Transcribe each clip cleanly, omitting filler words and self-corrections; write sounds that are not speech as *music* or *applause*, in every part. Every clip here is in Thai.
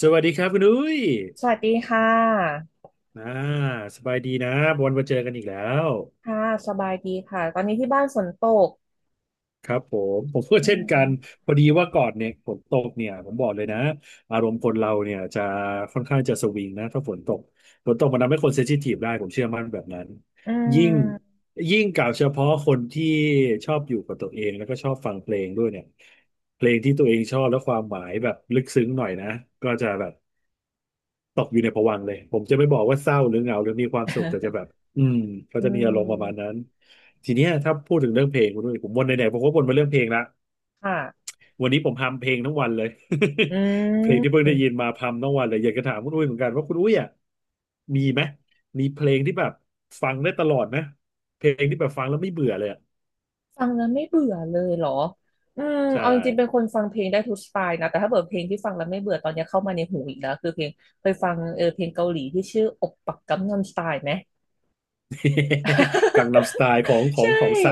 สวัสดีครับคุณอุ้ยสวัสดีค่ะอ่าสบายดีนะวันมาเจอกันอีกแล้ว ค่ะสบายดีค่ะตอนนี้ที่บ้านฝนตกครับผม ผมก็อืเช่นกันมพอดีว่าก่อนเนี่ยฝนตกเนี่ยผมบอกเลยนะอารมณ์คนเราเนี่ยจะค่อนข้างจะสวิงนะถ้าฝนตกฝนตกมันทำให้คนเซนซิทีฟได้ผมเชื่อมั่นแบบนั้น อืยิ่งม ยิ่งกล่าวเฉพาะคนที่ชอบอยู่กับตัวเองแล้วก็ชอบฟังเพลงด้วยเนี่ยเพลงที่ตัวเองชอบและความหมายแบบลึกซึ้งหน่อยนะก็จะแบบ ตกอยู่ในภวังค์เลย ผมจะไม่บอกว่าเศร้าหรือเหงาหรือมีความสุขแต่จะแบบ *laughs* อืมเขาอืจะมีอารมณ์ประมาณนั้นมทีเนี้ยถ้าพูดถึงเรื่องเพลงคุณด้วยผมวนไหนๆผมก็วนมาเรื่องเพลงละค่ะวันนี้ผมพัมเพลงทั้งวันเลย อื *laughs* เพลงที่เพิ่งมได้ยินมาพัมทั้งวันเลยอยากจะถามคุณอุ้ยเหมือนกันว่าคุณอุ้ยอ่ะมีไหมมีเพลงที่แบบฟังได้ตลอดไหมเพลงที่แบบฟังแล้วไม่เบื่อเลยอ่ะฟังแล้วไม่เบื่อเลยเหรออืมใช่ เอาจริงๆเป็นคนฟังเพลงได้ทุกสไตล์นะแต่ถ้าเปิดเพลงที่ฟังแล้วไม่เบื่อตอนนี้เข้ามาในหูอีกแล้วคือเพลงเคยฟังเออเพลงเกาหลีที่ชื่ออกปักกัมนัมสไตล์ไหม *laughs* กังนัมสไตล์ของ *laughs* ของใช่ของไซ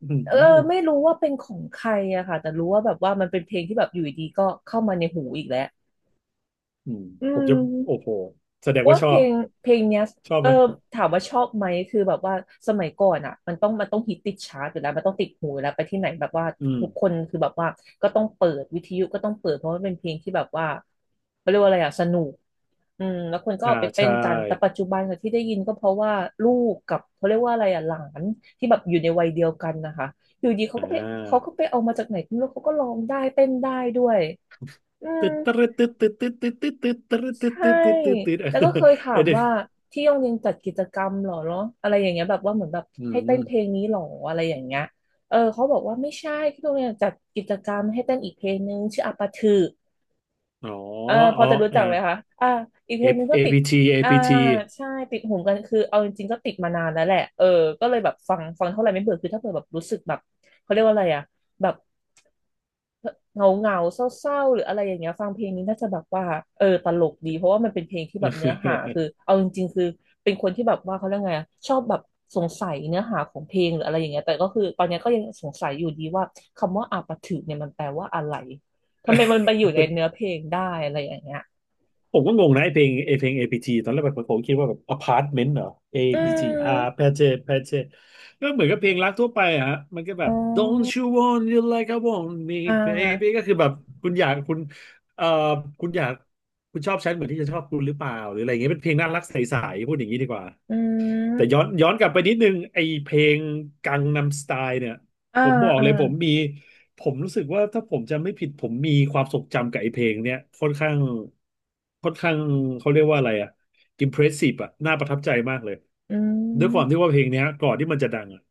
อืเอมอไม่รู้ว่าเป็นของใครอะค่ะแต่รู้ว่าแบบว่ามันเป็นเพลงที่แบบอยู่ดีๆก็เข้ามาในหูอีกแล้วอืมอืผมจะโอ้ม โหแสดงว่าว่าชอเพลบงเนี้ยชอบเอไหมอถามว่าชอบไหมคือแบบว่าสมัยก่อนอ่ะมันต้องฮิตติดชาร์ตอยู่แล้วมันต้องติดหูอยู่แล้วไปที่ไหนแบบว่าอืม ทุกคนคือแบบว่าก็ต้องเปิดวิทยุก็ต้องเปิดเพราะว่าเป็นเพลงที่แบบว่าเขาเรียกว่าอะไรอ่ะสนุกอืมแล้วคนก็อ่าเอาไปเต้ใช่นกันแต่ปัจจุบันอะที่ได้ยินก็เพราะว่าลูกกับเขาเรียกว่าอะไรอ่ะหลานที่แบบอยู่ในวัยเดียวกันนะคะอยู่ดีเขาอ่ก็ไปเขาาก็ไปเอามาจากไหนก็ไม่รู้เขาก็ร้องได้เต้นได้ด้วยอืม ตึ๊ดตึ๊ดตึ๊ดตึ๊ดตึ๊ดตึ๊ดตึ๊ดตึ๊ดใช่ตึ๊ดตึ๊ดตึ๊ดตึ๊ดตึ๊ดตึ๊ด แล้วก็เคย *laughs* ถาเออมเด็กว่าที่โรงเรียนจัดกิจกรรมเหรอเนาะอะไรอย่างเงี้ยแบบว่าเหมือนแบบอืให้เต้นมเพลงนี้เหรออะไรอย่างเงี้ยเออเขาบอกว่าไม่ใช่ที่โรงเรียนจัดกิจกรรมให้เต้นอีกเพลงนึงชื่ออาปาถืออ๋อเออพอ๋ออจะรู้เออ จักไหมคะอ่าอีกเพลงนึงก็ติด APT อ่า APT ใช่ติดหูกันคือเอาจริงๆก็ติดมานานแล้วแหละเออก็เลยแบบฟังเท่าไหร่ไม่เบื่อคือถ้าเผื่อแบบรู้สึกแบบเขาเรียกว่าอะไรอะแบบ เหงาเหงาเศร้าเศร้าๆหรืออะไรอย่างเงี้ยฟังเพลงนี้น่าจะแบบว่าเออตลกดีเพราะว่ามันเป็นเพลงที่แบบเนื้อหาคือเอาจริงๆคือเป็นคนที่แบบว่าเขาเรียกไงอะชอบแบบสงสัยเนื้อหาของเพลงหรืออะไรอย่างเงี้ยแต่ก็คือตอนเนี้ยก็ยังสงสัยอยู่ดีว่าคำว่าอาปาถึกเนี่ยมันแปลว่าอะไรทำไมมันไปอยู่ในเนื้อเพลงได้อะไรอย่างเงี้ยผมก็งงนะไอเพลงไอเพลง APT ตอนแรกแบบผมคิดว่าแบบอพาร์ตเมนต์เหรอ อื APT ม R แพเจแพเจก็เหมือนกับเพลงรักทั่วไปอะฮะมันก็แบอ๋บ อ Don't you want you like I want me อ่ baby าก็คือแบบคุณอยากคุณเอ่อคุณอยากคุณชอบฉันเหมือนที่ฉันชอบคุณหรือเปล่าหรืออะไรอย่างเงี้ยเป็นเพลงน่ารักใสๆพูดอย่างนี้ดีกว่า อืแต่ย้อนมย้อนกลับไปนิดนึงไอเพลงกังนัมสไตล์เนี่ยอ่าผมบอกอ่าเลยผมมีผมรู้สึกว่าถ้าผมจำไม่ผิดผมมีความทรงจำกับไอเพลงเนี่ยค่อนข้างเขาเรียกว่าอะไรอะอิมเพรสซีฟอะน่าประทับใจมากเลยอืด้วยความมที่ว่าเพลงเนี้ยก่อนที่มันจะดังอะ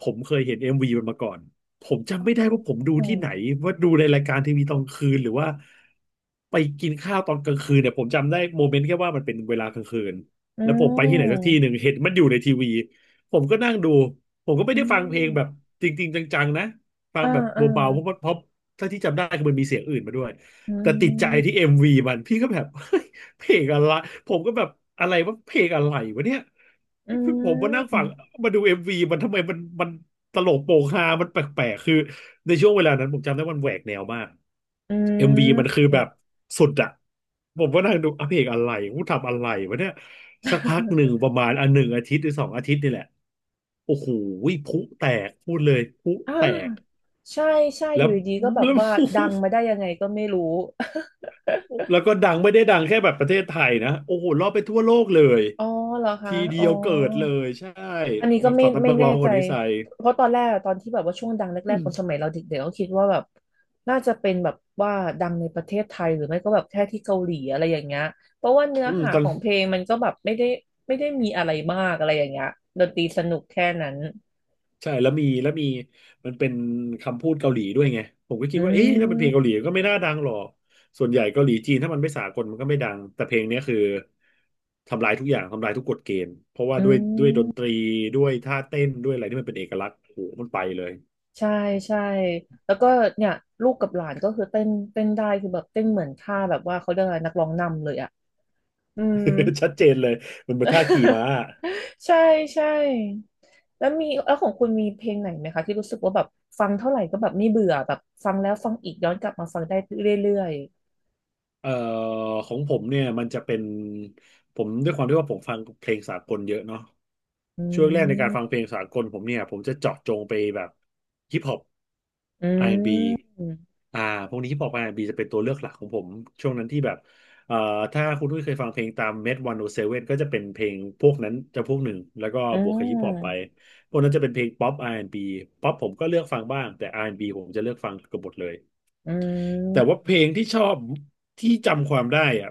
ผมเคยเห็นเอ็มวีมันมาก่อนผมอ๋จำอไม่ได้ว่าผมดูอืที่มไหนว่าดูในรายการทีวีตอนคืนหรือว่าไปกินข้าวตอนกลางคืนเนี่ยผมจำได้โมเมนต์แค่ว่ามันเป็นเวลากลางคืน แล้วผมไปที่ไหนสักที่หนึ่งเห็นมันอยู่ในทีวีผมก็นั่งดูผมก็ไม่อืได้ฟังเพลงแบบมจริงๆจังๆนะฟังอ่าแบบอ่า เบาๆเพราะถ้าที่จำได้คือมันมีเสียงอื่นมาด้วยอืแต่ติดใจที่มเอ็มวีมันพี่ก็แบบ เพลงอะไรผมก็แบบอะไรว่าเพลงอะไรวะเนี่ยอืผมมานั่งฟังมมาดูเอ็มวีมันทำไมมันตลกโปกฮามันแปลกๆคือในช่วงเวลานั้นผมจำได้มันแหวกแนวมากอืเอ็มวีมันม คือแบบสุดอะผมก็นั่งดูอ่ะเพลงอะไรกูทำอะไรวะเนี่ยสักพักหนึ่ง *laughs* ประมาณอันหนึ่งอาทิตย์หรือสองอาทิตย์นี่แหละโอ้โหพลุแตกพูดเลยพลุอ่แตกาใช่ใช่แล้อวยู่ดีก็แบบแล้ว ว่าดังมาได้ยังไงก็ไม่รู้ *laughs* *laughs* แล้วก็ดังไม่ได้ดังแค่แบบประเทศไทยนะโอ้โหรอบไปทั่วโลกเลย อ๋อเหรอคะทีเดีอ๋อยวเกิดเลยใช่อันนี้ก็ไม่สำหรับไม่นักแน่ร้องคใจนนี้ใส่เพราะตอนแรกอะตอนที่แบบว่าช่วงดังแรอืกๆมตอนสมัยเราเด็กๆก็คิดว่าแบบน่าจะเป็นแบบว่าดังในประเทศไทยหรือไม่ก็แบบแค่ที่เกาหลีอะไรอย่างเงี้ยเพราะว่าเนื้ออืมหาตอขนองเพลงมันก็แบบไม่ได้มีอะไรมากอะไรอย่างเงี้ยดนตรีสนุกแค่นั้นใช่แล้วมีแล้วมีมันเป็นคำพูดเกาหลีด้วยไงผมก็คิดอืว่าเอ๊ะถ้าเป็นเพลงเกาหมลีก็ไม่น่าดังหรอกส่วนใหญ่เกาหลีจีนถ้ามันไม่สากลมันก็ไม่ดังแต่เพลงเนี้ยคือทำลายทุกอย่างทำลายทุกกฎเกณฑ์เพราะว่าอืด้วยด้ม วยดนตรีด้วยท่าเต้นด้วยอะไรที่มันเป็นเอกลักษณ์โอ้โหมันไปเลย ใช่ใช่แล้วก็เนี่ยลูกกับหลานก็คือเต้นได้คือแบบเต้นเหมือนท่าแบบว่าเขาเรียกอะไรนักร้องนำเลยอ่ะอืม *laughs* ชัดเจนเลยมันเป็นท่าขี่ม้า *laughs* ใช่ใช่แล้วมีแล้วของคุณมีเพลงไหนไหมคะที่รู้สึกว่าแบบฟังเท่าไหร่ก็แบบไม่เบื่อแบบฟังแล้วฟังอีกย้อนกลับมาฟังได้เรื่อยเอ่อของผมเนี่ยมันจะเป็นผมด้วยความที่ว่าผมฟังเพลงสากลเยอะเนาะ ๆอืช่วงแรกในการฟังมเพลงสากลผมเนี่ยผมจะเจาะจงไปแบบฮิปฮอป อื R&B อนด์มบีอ่าพวกนี้ฮิปฮอปอาร์แอนด์บ b จะเป็นตัวเลือกหลักของผมช่วงนั้นที่แบบเอ่อถ้าคุณทุ้ยเคยฟังเพลงตามเมทวันโอเซเว่นก็จะเป็นเพลงพวกนั้นจะพวกหนึ่งแล้วก็อืบวกกับฮิปฮอปไปมพวกนั้นจะเป็นเพลงป๊อปอาร์แอนด์บ b ป๊อปผมก็เลือกฟังบ้างแต่อาร์แอนด์บ b ผมจะเลือกฟังเกือบหมดเลย อืแต่ว่าเพลงมที่ชอบที่จำความได้อะ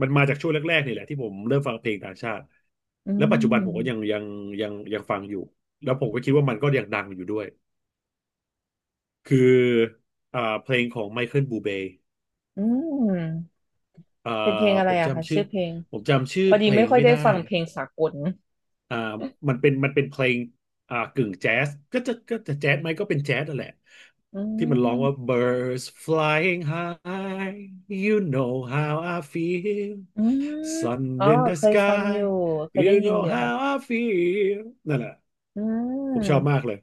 มันมาจากช่วงแรกๆนี่แหละที่ผมเริ่มฟังเพลงต่างชาติอืแล้วปัจจุบันผมก็ยัมงยังยังยังฟังอยู่แล้วผมก็คิดว่ามันก็ยังดังอยู่ด้วยคือเพลงของไมเคิลบูเบย์อืมอ่าเป็นเพลงอะผไรมอะคะจำชื่อชื่อเพลงผมจำชื่อพอเพดีลไม่งค่อยไม่ได้ได้ ฟังเพลงสากล อ่ามันเป็นเพลงกึ่งแจ๊สก็จะแจ๊สไหมก็เป็นแจ๊สนั่นแหละอืที่มันมร้องว่า birds flying high you know how I feel อืม sun อ๋อ in the เคยฟังอยู่ sky เคย you ได้ยิน know อยู่ how ค่ะ I feel นั่นแหละอืผมชอบมากมเลย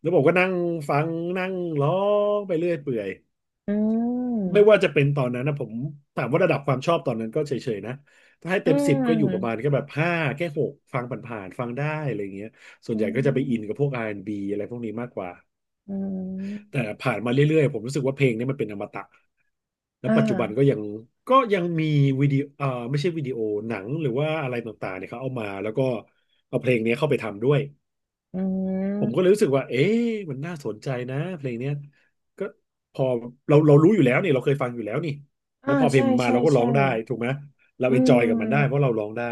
แล้วผมก็นั่งฟังนั่งร้องไปเรื่อยเปื่อย อืไม่มว่าจะเป็นตอนนั้นนะผมถามว่าระดับความชอบตอนนั้นก็เฉยๆนะถ้าให้อืเต็มสิบก็อยู่มประมาณแค่แบบห้าแค่หกฟังผ่านๆฟังได้อะไรเงี้ยส่วนอืใหญ่ก็จะไปอินกับพมวก R&B อนด์บีอะไรพวกนี้มากกว่าอืแต่มผ่านมาเรื่อยๆผมรู้สึกว่าเพลงนี้มันเป็นอมตะแล้วอ่ปัจจุบันก็ายังก็ยังมีวิดีโอไม่ใช่วิดีโอหนังหรือว่าอะไรต่างๆเนี่ยเขาเอามาแล้วก็เอาเพลงนี้เข้าไปทำด้วย อืผมก็เลยรู้มสึกว่าเอ๊ะมันน่าสนใจนะเพลงเนี้ยก็พอเรารู้อยู่แล้วนี่เราเคยฟังอยู่แล้วนี่แล้วอ่าพอเพลใช่งมาใช่เราก็ร้อใช่งได้ถูกไหมเราอืเอนจอยกับมันได้เพมราะเราร้องได้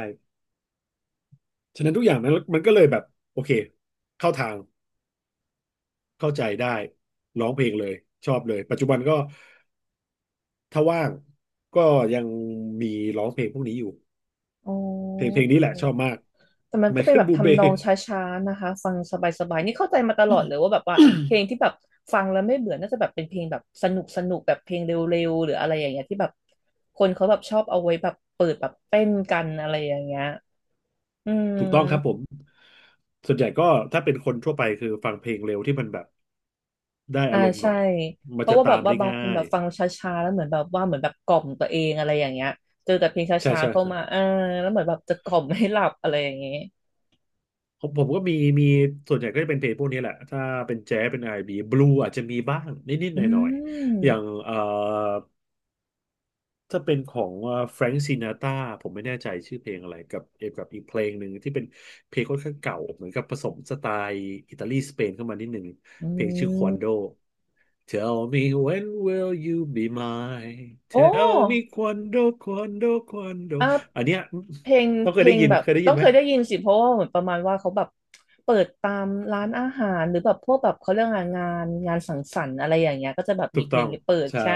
ฉะนั้นทุกอย่างนั้นมันก็เลยแบบโอเคเข้าทางเข้าใจได้ร้องเพลงเลยชอบเลยปัจจุบันก็ถ้าว่างก็ยังมีร้องเพลงพวกนี้อยู่โอ้เพลงนี้แหละชอบมากแต่มันไมก็เป็นเคิลแบบบูเบทำนองช้าๆนะคะฟังสบายๆนี่เข้าใจมาตลอดเลยว่าแบบว่าเพลงที่แบบฟังแล้วไม่เบื่อน่าจะแบบเป็นเพลงแบบสนุกสนุกแบบเพลงเร็วๆหรืออะไรอย่างเงี้ยที่แบบคนเขาแบบชอบเอาไว้แบบเปิดแบบเต้นกันอะไรอย่างเงี้ย อืถูกต้องครับผมมส่วนใหญ่ก็ถ้าเป็นคนทั่วไปคือฟังเพลงเร็วที่มันแบบ ได้อ่าอารมณ์หน่ใช่ อยมัเพนราะจะว่าแบตาบมว่าได้บางง่าคนแบยบฟังช้าๆแล้วเหมือนแบบว่าเหมือนแบบกล่อมตัวเองอะไรอย่างเงี้ยเจอแต่เพลงชใช่้าใช่ๆเข้าใช่มาอ่าแล้วเหมือนแบบจะกล่อมให้หลับอะไรอย่างเงี้ยผมก็มีส่วนใหญ่ก็จะเป็นเพลงพวกนี้แหละ ถ้าเป็นแจ๊สเป็นไอนด์บีบลูอาจจะมีบ้างนิดๆหอืน่อยๆ อย่างมถ้าเป็นของแฟรง k ์ซินาตาผมไม่แน่ใจชื่อเพลงอะไรกับเอกับอีกเพลงหนึ่งที่เป็นเพลงค่อนข้างเก่าเหมือนกับผสมสไตล์อิตาลีสเปนเข้ามานิดหนึ่งอืเพลงชื่อควันโด ม Tell me when will you be mine? โอ้ Tell me quando, quando, quando. อ่ะอันเนี้ยเพลงต้องเพลงแบบเคยได้ยิต้อนงไหมเคยได้ยินสิเพราะว่าเหมือนประมาณว่าเขาแบบเปิดตามร้านอาหารหรือแบบพวกแบบเขาเรื่องงานงานสังสรรค์อะไรอย่างเงี้ยก็จะแบบถูมีกเพต้ลองงเปิดใช่ ใช่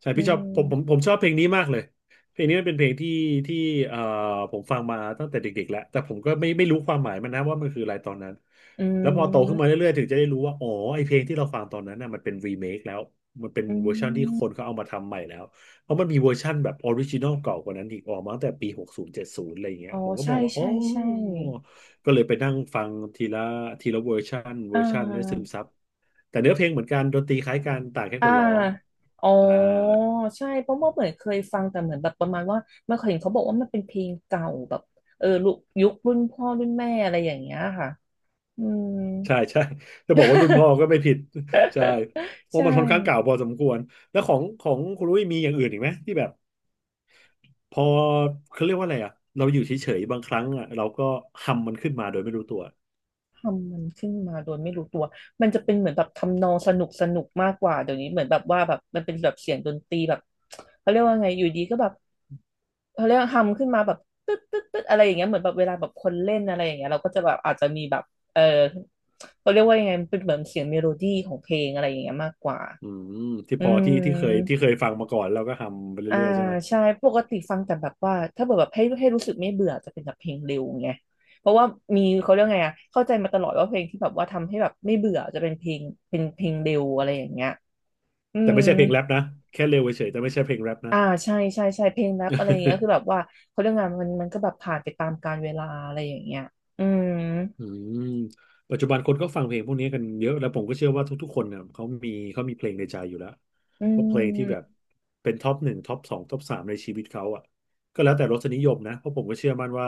ใช่อืพี่ชอบมผมชอบเพลงนี้มากเลยเพลงนี้มันเป็นเพลงที่เอ่อผมฟังมาตั้งแต่เด็กๆแล้วแต่ผมก็ไม่รู้ความหมายมันนะว่ามันคืออะไรตอนนั้นอืแล้วพอโตขึ้นมามเรื่อยๆถึงจะได้รู้ว่าอ๋อไอเพลงที่เราฟังตอนนั้นน่ะมันเป็นรีเมคแล้วมันเป็นอืเวอร์ชันที่คนเขาม เอามาทำใหม่แล้วเพราะมันมีเวอร์ชันแบบออริจินอลเก่ากว่านั้นอีกออกมาตั้งแต่ปีหกศูนย์เจ็ดศูนย์อะไรอย่างเงี้ยอ๋อผมก็มอใช่งว่าอ๋อใช่ใช่ก็เลยไปนั่งฟังทีละเวอร์ชันเวอ่อร์ชันให้ซึามซับแต่เนื้อเพลงเหมือนกันดนตรีคล้ายกันต่างแค่อ่าคนร้องอ๋ออ่า ใช่เพราะว่าเหมือนเคยฟังแต่เหมือนแบบประมาณว่ามันเคยเห็นเขาบอกว่ามันเป็นเพลงเก่าแบบเออลุยุครุ่นพ่อรุ่นแม่อะไรอย่างเงี้ยค่ะอืม ใช่ใช่จะบอกว่ารุ่นพ่อ *laughs* ก็ไม่ผิด *laughs* ใช่เพราะใช่มันค่อนข้างเก่าพอสมควรแล้วของคุณลุยมีอย่างอื่นอีกไหมที่แบบพอเขาเรียกว่าอะไรอ่ะเราอยู่เฉยๆบางครั้งอ่ะเราก็ฮัมมันขึ้นมาโดยไม่รู้ตัวทำมันขึ้นมาโดยไม่รู้ตัวมันจะเป็นเหมือนแบบทำนองสนุกสนุกมากกว่าเดี๋ยวนี้เหมือนแบบว่าแบบมันเป็นแบบเสียงดนตรีแบบเขาเรียกว่าไงอยู่ดีก็แบบ เขาเรียกทำขึ้นมาแบบตึ๊ดตึ๊ดตึ๊ดอะไรอย่างเงี้ยเหมือนแบบเวลาแบบคนเล่นอะไรอย่างเงี้ยเราก็จะแบบอาจจะมีแบบเออเขาเรียกว่ายังไงมันเป็นเหมือนเสียงเมโลดี้ของเพลงอะไรอย่างเงี้ยมากกว่าอืมที่อืพอที่ที่เคยมที่เคยฟังมาก่อนเราก็ฮัมไปอ่าเรื่อยๆใช่ไหมใช่ปกติฟังแต่แบบว่าถ้าเกิดแบบให้รู้สึกไม่เบื่อจะเป็นแบบเพลงเร็วไงเพราะว่ามีเขาเรียกไงอะเข้าใจมาตลอดว่าเพลงที่แบบว่าทำให้แบบไม่เบื่อจะเป็นเป็นเพลงเร็วอะไรอย่างเงี้ยอืแต่ม ไม่ใช่เพลงแรปนะแค่เร็วเฉยๆแต่ไม่ใช่เพลงแรปนะ อ่าใช่ใช่ใช่เพลงแรปอะไรอย่างเงี้ยคือแบบว่าเขาเรื่องงานมันก็แบบผ่านไปตามกาลเวลาอะไรอย่างเงี้ยอืมอืมปัจจุบันคนก็ฟังเพลงพวกนี้กันเยอะแล้วผมก็เชื่อว่าทุกๆคนเนี่ยเขามีเพลงในใจอยู่แล้วอืว่าเพลงที่แบบมเป็นท็อปหนึ่งท็อปสองท็อปสามในชีวิตเขาอ่ะก็แล้วแต่รสนิยมนะเพราะผมก็เชื่อมั่นว่า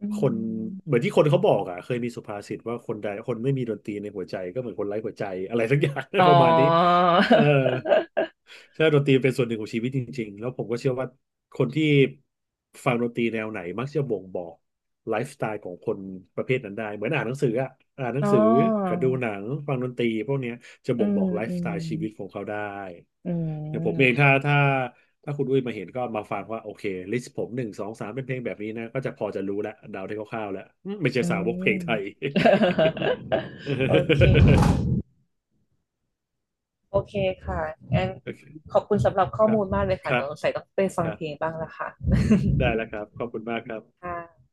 อืคนเหมืมอนที่คนเขาบอกอ่ะเคยมีสุภาษิตว่าคนใดคนไม่มีดนตรีในหัวใจก็เหมือนคนไร้หัวใจอะไรสักอย่าง อ๋อ *laughs* ประมาณนี้ เออใช่ดนตรีเป็นส่วนหนึ่งของชีวิตจริงๆ แล้วผมก็เชื่อว่าคนที่ฟังดนตรีแนวไหนมักจะบ่งบอกไลฟ์สไตล์ของคนประเภทนั้นได้เหมือนอ่านหนังสืออะอ่านหนั *laughs* อ๋งสือกัอบดูหนังฟังดนตรีพวกเนี้ยจะอืบ่งมบอกไลอืฟ์สไตมล์ชีวิตของเขาได้อือย่างผมเองมถ้าคุณอุ้ยมาเห็นก็มาฟังว่าโอเคลิสต์ผมหนึ่งสองสามเป็นเพลงแบบนี้นะก็จะพอจะรู้แล้วเดาได้คร่าวๆแล้วอืมไม่ใช่อืสาวกเพลงม ไทย *laughs* โอเค *laughs* โอเคค่ะงั้นโอเคขอบคุณสำหรับข้คอรับมูลมากเลยคค่ะรัเดี๋บยวใส่ต้องไปฟัคงรัเพลงบ บ้างละค่ะ ได้แล้วครับขอบคุณมากครับ *laughs* ค่ะ